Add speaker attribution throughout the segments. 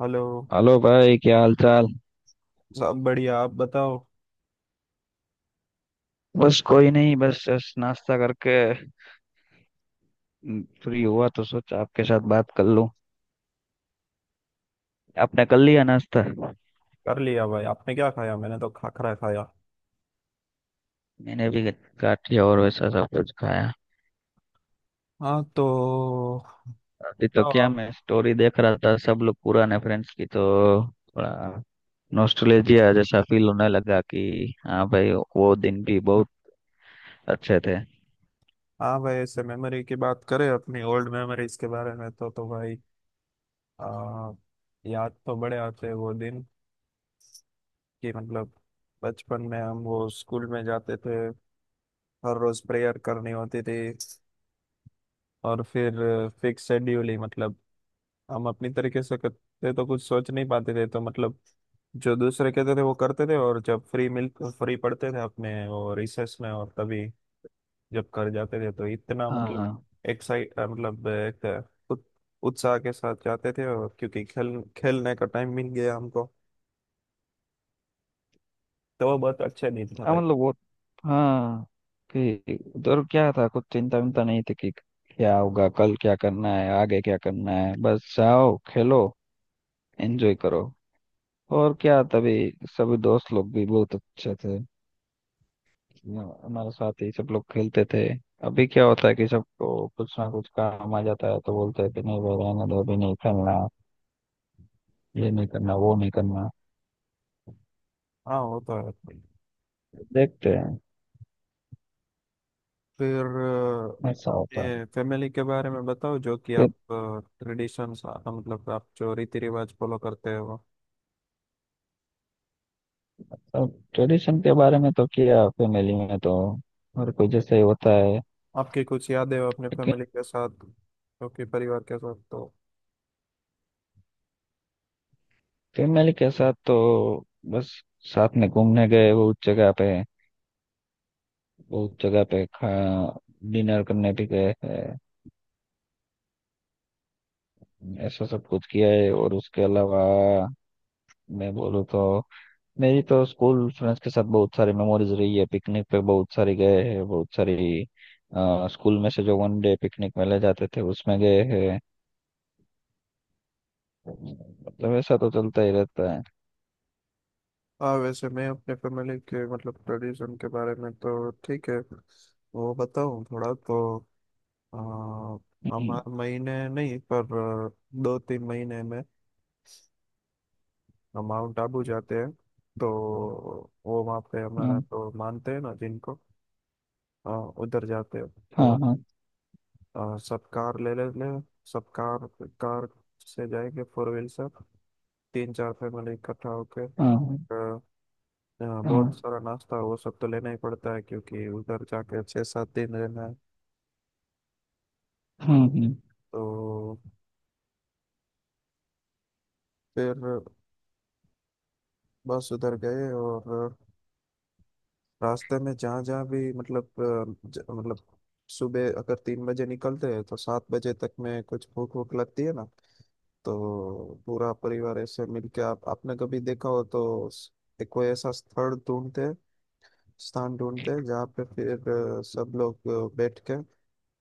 Speaker 1: Hello.
Speaker 2: Hello भाई, क्या हाल चाल।
Speaker 1: सब बढ़िया, आप बताओ।
Speaker 2: बस कोई नहीं, बस जस्ट नाश्ता करके। फ्री हुआ तो सोचा आपके साथ बात कर लूं। आपने कर लिया नाश्ता?
Speaker 1: कर लिया भाई, आपने क्या खाया? मैंने तो खाखरा खाया।
Speaker 2: मैंने भी काट लिया और वैसा सब कुछ खाया।
Speaker 1: हाँ तो
Speaker 2: अभी तो
Speaker 1: बताओ
Speaker 2: क्या,
Speaker 1: आप।
Speaker 2: मैं स्टोरी देख रहा था सब लोग पुराने फ्रेंड्स की, तो थोड़ा नॉस्टैल्जिया जैसा फील होने लगा कि हाँ भाई वो दिन भी बहुत अच्छे थे।
Speaker 1: हाँ भाई, ऐसे मेमोरी की बात करें अपनी ओल्ड मेमोरीज के बारे में, तो भाई आ, याद तो बड़े आते हैं वो दिन। कि मतलब बचपन में हम वो स्कूल में जाते थे, हर रोज प्रेयर करनी होती थी। और फिर फिक्स शेड्यूल ही, मतलब हम अपनी तरीके से करते तो कुछ सोच नहीं पाते थे, तो मतलब जो दूसरे कहते थे वो करते थे। और जब फ्री मिल फ्री पढ़ते थे अपने वो रिसेस में, और तभी जब कर जाते थे तो इतना मतलब
Speaker 2: हाँ
Speaker 1: एक्साइट, मतलब एक उत- उत्साह के साथ जाते थे, और क्योंकि खेल खेलने का टाइम मिल गया हमको। तो वो बहुत अच्छा दिन था
Speaker 2: हाँ,
Speaker 1: भाई।
Speaker 2: मतलब वो। हाँ, कि उधर क्या था, कुछ चिंता विंता नहीं थी कि क्या होगा कल, क्या करना है आगे क्या करना है, बस जाओ खेलो एंजॉय करो। और क्या, तभी सभी दोस्त लोग भी बहुत अच्छे थे, हमारे साथ ही सब लोग खेलते थे। अभी क्या होता है कि सबको कुछ ना कुछ काम आ जाता है तो बोलते हैं कि नहीं भाई रहने दो अभी नहीं खेलना, ये नहीं करना वो नहीं करना।
Speaker 1: हाँ वो तो है।
Speaker 2: देखते हैं,
Speaker 1: फिर
Speaker 2: ऐसा होता
Speaker 1: अपने फैमिली के बारे में बताओ, जो कि
Speaker 2: है।
Speaker 1: आप ट्रेडिशंस, मतलब आप जो रीति रिवाज फॉलो करते हो,
Speaker 2: अब ट्रेडिशन के बारे में तो किया, फैमिली में तो हर कोई जैसे ही होता है
Speaker 1: आपकी कुछ यादें हो अपने
Speaker 2: लेकिन।
Speaker 1: फैमिली के साथ, जो कि परिवार के साथ। तो
Speaker 2: फैमिली के साथ तो बस साथ में घूमने गए बहुत जगह पे, बहुत जगह पे खा डिनर करने भी गए हैं, ऐसा सब कुछ किया है। और उसके अलावा मैं बोलूँ तो, मेरी तो स्कूल फ्रेंड्स के साथ बहुत सारी मेमोरीज रही है। पिकनिक पे बहुत सारी गए हैं बहुत सारी, स्कूल में से जो वन डे पिकनिक में ले जाते थे उसमें गए हैं। मतलब ऐसा तो चलता ही रहता
Speaker 1: हाँ, वैसे मैं अपने फैमिली के मतलब ट्रेडिशन के बारे में तो ठीक है वो बताऊँ थोड़ा। तो आ, हम
Speaker 2: है।
Speaker 1: हर महीने नहीं पर अ, 2-3 महीने में हम माउंट आबू जाते हैं। तो वो वहाँ पे हमारा
Speaker 2: हाँ
Speaker 1: तो मानते हैं ना जिनको, अ, उधर जाते हैं।
Speaker 2: हाँ।
Speaker 1: तो
Speaker 2: हाँ
Speaker 1: सब कार ले लेते हैं। सब कार, कार से जाएंगे फोर व्हील से, 3-4 फैमिली इकट्ठा होके।
Speaker 2: हाँ।
Speaker 1: हाँ, बहुत
Speaker 2: हाँ
Speaker 1: सारा नाश्ता और वो सब तो लेना ही पड़ता है, क्योंकि उधर जाके 6-7 दिन रहना है।
Speaker 2: हाँ। हम्म।
Speaker 1: तो फिर बस उधर गए, और रास्ते में जहाँ जहाँ भी मतलब मतलब सुबह अगर 3 बजे निकलते हैं तो 7 बजे तक में कुछ भूख भूख लगती है ना। तो पूरा परिवार ऐसे मिलके, आप आपने कभी देखा हो तो एक कोई ऐसा स्थल ढूंढते हैं, स्थान ढूंढते हैं जहाँ पे फिर सब लोग बैठ के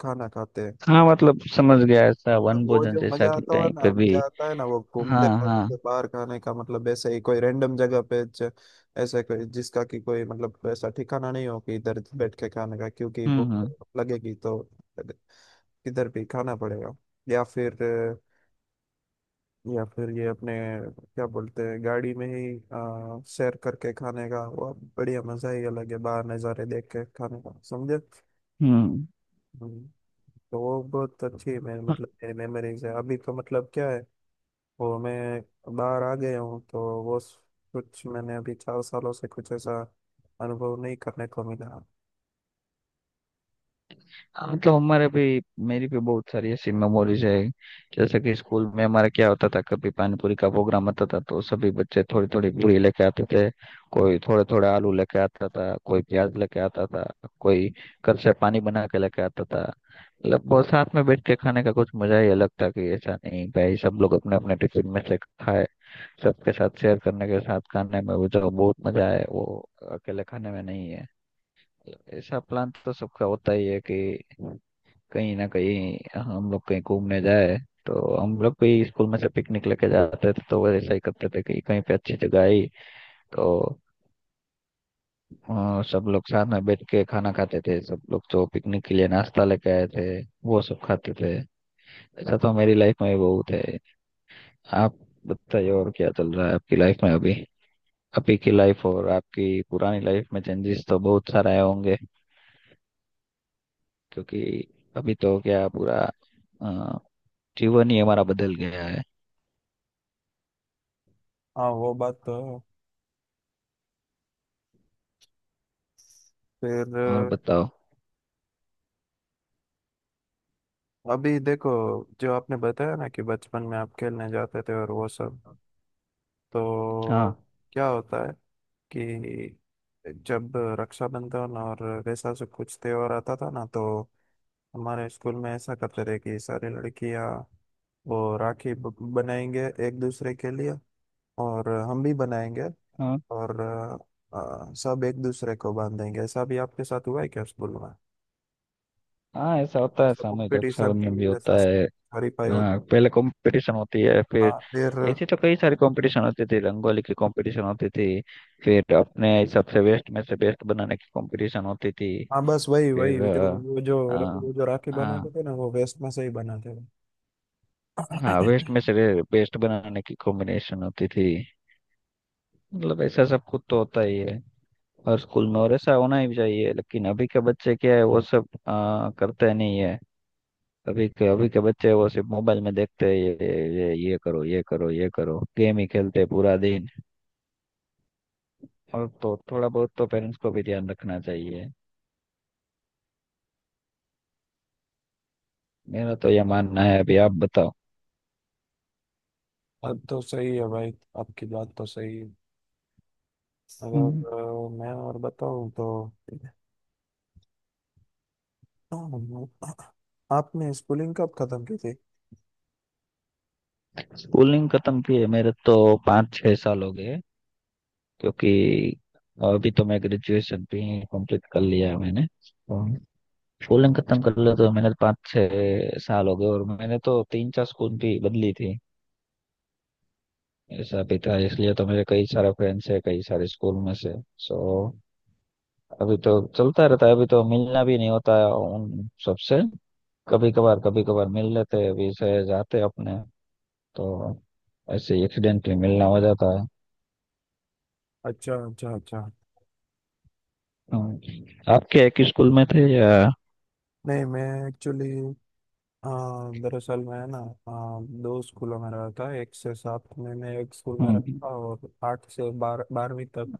Speaker 1: खाना खाते
Speaker 2: हाँ, मतलब
Speaker 1: हैं।
Speaker 2: समझ गया ऐसा
Speaker 1: तो
Speaker 2: वन
Speaker 1: वो
Speaker 2: भोजन
Speaker 1: जो
Speaker 2: जैसा
Speaker 1: मजा
Speaker 2: कि
Speaker 1: आता है
Speaker 2: कहीं
Speaker 1: ना,
Speaker 2: पे भी।
Speaker 1: मजा आता है ना वो घूमते
Speaker 2: हाँ हाँ।
Speaker 1: वक्त बाहर खाने का, मतलब ऐसे ही कोई रैंडम जगह पे ऐसे कोई जिसका कि कोई मतलब ऐसा ठिकाना नहीं हो कि इधर बैठ के खाने का, क्योंकि
Speaker 2: हम्म।
Speaker 1: भूख
Speaker 2: हम्म।
Speaker 1: लगेगी तो किधर भी खाना पड़ेगा। या फिर या फिर ये अपने क्या बोलते हैं गाड़ी में ही शेयर करके खाने का, वो बढ़िया मजा ही अलग है, बाहर नज़ारे देख के खाने का, समझे।
Speaker 2: हम्म।
Speaker 1: हम्म, तो वो बहुत अच्छी मैं मतलब मेरी मेमोरीज है। अभी तो मतलब क्या है, और मैं बाहर आ गया हूँ तो वो कुछ मैंने अभी 4 सालों से कुछ ऐसा अनुभव नहीं करने को मिला।
Speaker 2: हाँ, मतलब हमारे भी, मेरी भी बहुत सारी ऐसी मेमोरीज है। जैसे कि स्कूल में हमारा क्या होता था, कभी पानीपुरी का प्रोग्राम आता था तो सभी बच्चे थोड़ी थोड़ी पूरी लेके आते थे, कोई थोड़े थोड़े आलू लेके आता था, कोई प्याज लेके आता था, कोई घर से पानी बना के लेके आता था। मतलब बहुत साथ में बैठ के खाने का कुछ मजा ही अलग था कि ऐसा नहीं भाई सब लोग अपने अपने टिफिन में से खाए। सबके साथ शेयर करने के साथ खाने में वो जो बहुत मजा है वो अकेले खाने में नहीं है। ऐसा प्लान तो सबका होता ही है कि कहीं ना कहीं हम लोग कहीं घूमने जाए, तो हम लोग भी स्कूल में से पिकनिक लेके जाते थे तो वैसा ही करते थे कि कहीं पे अच्छी जगह आई तो सब लोग साथ में बैठ के खाना खाते थे, सब लोग जो पिकनिक के लिए नाश्ता लेके आए थे वो सब खाते थे। ऐसा तो मेरी लाइफ में भी बहुत है। आप बताइए और क्या चल रहा है आपकी लाइफ में, अभी अभी की लाइफ और आपकी पुरानी लाइफ में चेंजेस तो बहुत सारे आए होंगे। क्योंकि अभी तो क्या पूरा अ, जीवन ही हमारा बदल गया है।
Speaker 1: हाँ वो बात तो है। फिर
Speaker 2: और बताओ।
Speaker 1: अभी देखो, जो आपने बताया ना कि बचपन में आप खेलने जाते थे और वो सब। तो
Speaker 2: हाँ।
Speaker 1: क्या होता है कि जब रक्षाबंधन और वैसा सब कुछ त्योहार आता था ना, तो हमारे स्कूल में ऐसा करते थे कि सारी लड़कियां वो राखी बनाएंगे एक दूसरे के लिए, और हम भी बनाएंगे।
Speaker 2: हाँ
Speaker 1: और सब एक दूसरे को बांधेंगे। ऐसा भी आपके साथ हुआ है क्या स्कूल में?
Speaker 2: हाँ, ऐसा होता है,
Speaker 1: ऐसा
Speaker 2: सामूहिक
Speaker 1: कॉम्पिटिशन थी,
Speaker 2: रक्षाबंधन भी होता
Speaker 1: वैसा
Speaker 2: है।
Speaker 1: हरीफाई होते?
Speaker 2: हाँ, पहले कंपटीशन होती है फिर।
Speaker 1: हाँ फिर
Speaker 2: ऐसे तो कई सारे कंपटीशन होते थे, रंगोली की कंपटीशन होती थी, फिर अपने हिसाब से वेस्ट में से बेस्ट बनाने की कंपटीशन होती थी।
Speaker 1: हाँ, बस वही वही
Speaker 2: फिर
Speaker 1: जो
Speaker 2: अ,
Speaker 1: वो जो
Speaker 2: अ,
Speaker 1: वो जो राखी
Speaker 2: हाँ
Speaker 1: बनाते थे ना, वो वेस्ट में से ही बनाते थे।
Speaker 2: हाँ, वेस्ट में से बेस्ट बनाने की कॉम्बिनेशन होती थी। मतलब ऐसा सब कुछ तो होता ही है और स्कूल में, और ऐसा होना ही चाहिए। लेकिन अभी के बच्चे क्या है वो सब करते नहीं है। अभी के बच्चे वो सिर्फ मोबाइल में देखते हैं। ये ये करो, ये करो, ये करो। गेम ही खेलते हैं पूरा दिन, और तो थोड़ा बहुत तो पेरेंट्स को भी ध्यान रखना चाहिए, मेरा तो ये मानना है। अभी आप बताओ।
Speaker 1: अब तो सही है भाई, आपकी बात तो सही है। अगर
Speaker 2: हम्म।
Speaker 1: मैं और बताऊं तो, आपने स्कूलिंग कब खत्म की थी?
Speaker 2: स्कूलिंग खत्म की है मेरे तो 5-6 साल हो गए। क्योंकि अभी तो मैं ग्रेजुएशन भी कंप्लीट कर लिया है मैंने। और स्कूलिंग खत्म कर लिया तो मैंने 5-6 साल हो गए, और मैंने तो तीन चार स्कूल भी बदली थी। ऐसा भी था, इसलिए तो मेरे कई सारे फ्रेंड्स है कई सारे स्कूल में से। सो अभी तो चलता रहता है, अभी तो मिलना भी नहीं होता है उन सबसे। कभी कभार कभी कभार मिल लेते हैं अभी से जाते अपने तो ऐसे एक्सीडेंटली मिलना हो जाता है।
Speaker 1: अच्छा अच्छा अच्छा।
Speaker 2: आपके एक स्कूल में थे या?
Speaker 1: नहीं मैं एक्चुअली, हाँ दरअसल मैं ना, हाँ, दो स्कूलों में रहा था। एक से सात में मैं एक स्कूल में रहा
Speaker 2: हम्म,
Speaker 1: था, और आठ से 12वीं तक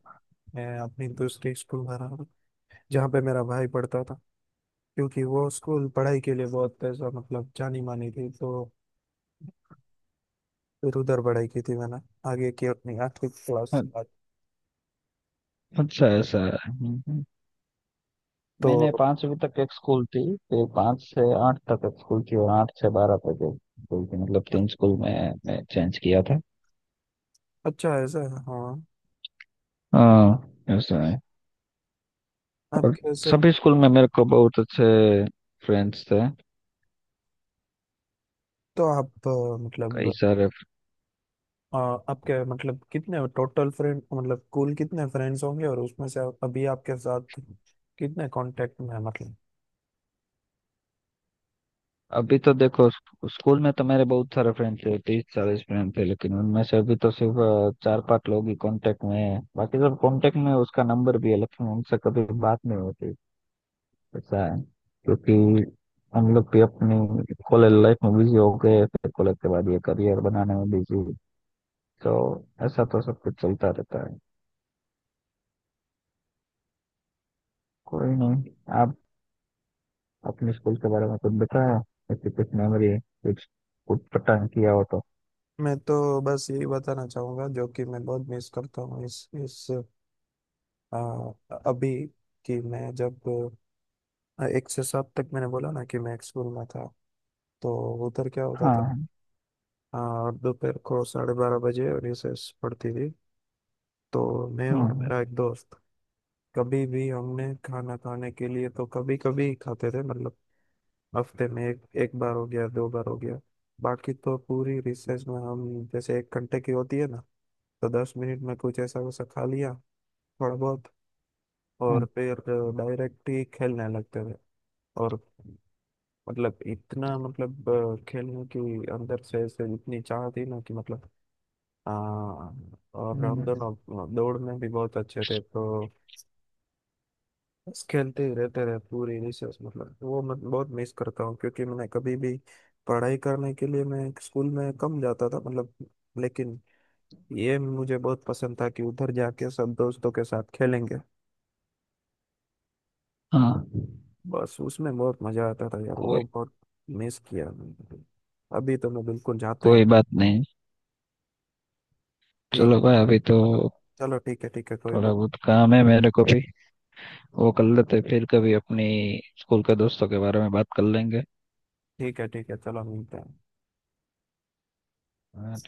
Speaker 1: मैं अपनी दूसरी स्कूल में रहा, जहाँ पे मेरा भाई पढ़ता था। क्योंकि वो स्कूल पढ़ाई के लिए बहुत ऐसा मतलब जानी मानी थी, तो फिर उधर पढ़ाई की थी मैंने, आगे की अपनी आठवीं क्लास के बाद।
Speaker 2: अच्छा ऐसा है। हम्म। हम्म।
Speaker 1: तो
Speaker 2: मैंने 5वीं तक एक स्कूल थी, फिर पांच से आठ तक एक स्कूल थी और आठ से 12 तक एक स्कूल थी, मतलब तीन स्कूल में मैं चेंज किया था।
Speaker 1: अच्छा ऐसा है, हाँ।
Speaker 2: हाँ ऐसा है।
Speaker 1: आप
Speaker 2: और
Speaker 1: कैसे
Speaker 2: सभी
Speaker 1: मतलब-
Speaker 2: स्कूल में मेरे को बहुत अच्छे फ्रेंड्स थे,
Speaker 1: तो आप
Speaker 2: कई
Speaker 1: मतलब
Speaker 2: सारे।
Speaker 1: आपके मतलब कितने टोटल फ्रेंड, मतलब कुल कितने फ्रेंड्स होंगे, और उसमें से अभी आपके साथ कितने कांटेक्ट में है, मतलब?
Speaker 2: अभी तो देखो, स्कूल में तो मेरे बहुत सारे फ्रेंड थे, 30-40 फ्रेंड थे, लेकिन उनमें से अभी तो सिर्फ चार पांच लोग ही कांटेक्ट में है। बाकी सब कांटेक्ट में हैं, उसका नंबर भी है लेकिन उनसे कभी बात नहीं होती। ऐसा है। क्योंकि हम लोग भी अपनी कॉलेज लाइफ में बिजी हो गए, फिर कॉलेज के बाद ये करियर बनाने में बिजी। तो ऐसा तो सब कुछ चलता रहता है, कोई नहीं। आप अपने स्कूल के बारे में कुछ बताया? ऐसी कुछ मेमोरी, कुछ कुछ पता किया हो तो।
Speaker 1: मैं तो बस यही बताना चाहूंगा, जो कि मैं बहुत मिस करता हूँ इस आ, अभी। कि मैं जब एक से सात तक मैंने बोला ना कि मैं एक स्कूल में था। तो उधर क्या होता था,
Speaker 2: हाँ।
Speaker 1: दोपहर को 12:30 बजे रिसेस पड़ती थी। तो मैं
Speaker 2: हम्म।
Speaker 1: और
Speaker 2: हम्म।
Speaker 1: मेरा एक दोस्त, कभी भी हमने खाना खाने के लिए तो कभी कभी खाते थे, मतलब हफ्ते में एक एक बार हो गया दो बार हो गया। बाकी तो पूरी रिसेस में हम, जैसे एक घंटे की होती है ना, तो 10 मिनट में कुछ ऐसा वैसा खा लिया थोड़ा बहुत, और फिर डायरेक्ट ही खेलने लगते थे। और मतलब इतना, मतलब खेलने की अंदर से ऐसे इतनी चाह थी ना, कि मतलब आ, और
Speaker 2: हम्म,
Speaker 1: हम
Speaker 2: हम्म।
Speaker 1: दोनों दौड़ में भी बहुत अच्छे थे। तो बस खेलते ही रहते रहे पूरी रिसेस, मतलब वो मैं बहुत मिस करता हूँ, क्योंकि मैंने कभी भी पढ़ाई करने के लिए मैं स्कूल में कम जाता था, मतलब। लेकिन ये मुझे बहुत पसंद था कि उधर जाके सब दोस्तों के साथ खेलेंगे।
Speaker 2: हाँ।
Speaker 1: बस उसमें बहुत मजा आता था यार, वो
Speaker 2: कोई
Speaker 1: बहुत मिस किया मैंने। अभी तो मैं बिल्कुल जाता ही
Speaker 2: कोई बात नहीं।
Speaker 1: ठीक।
Speaker 2: चलो भाई अभी तो
Speaker 1: चलो ठीक है कोई
Speaker 2: थोड़ा
Speaker 1: बात,
Speaker 2: बहुत काम है मेरे को भी, वो कर लेते हैं, फिर कभी अपनी स्कूल के दोस्तों के बारे में बात कर लेंगे।
Speaker 1: ठीक है चलो मिलते हैं।
Speaker 2: हाँ,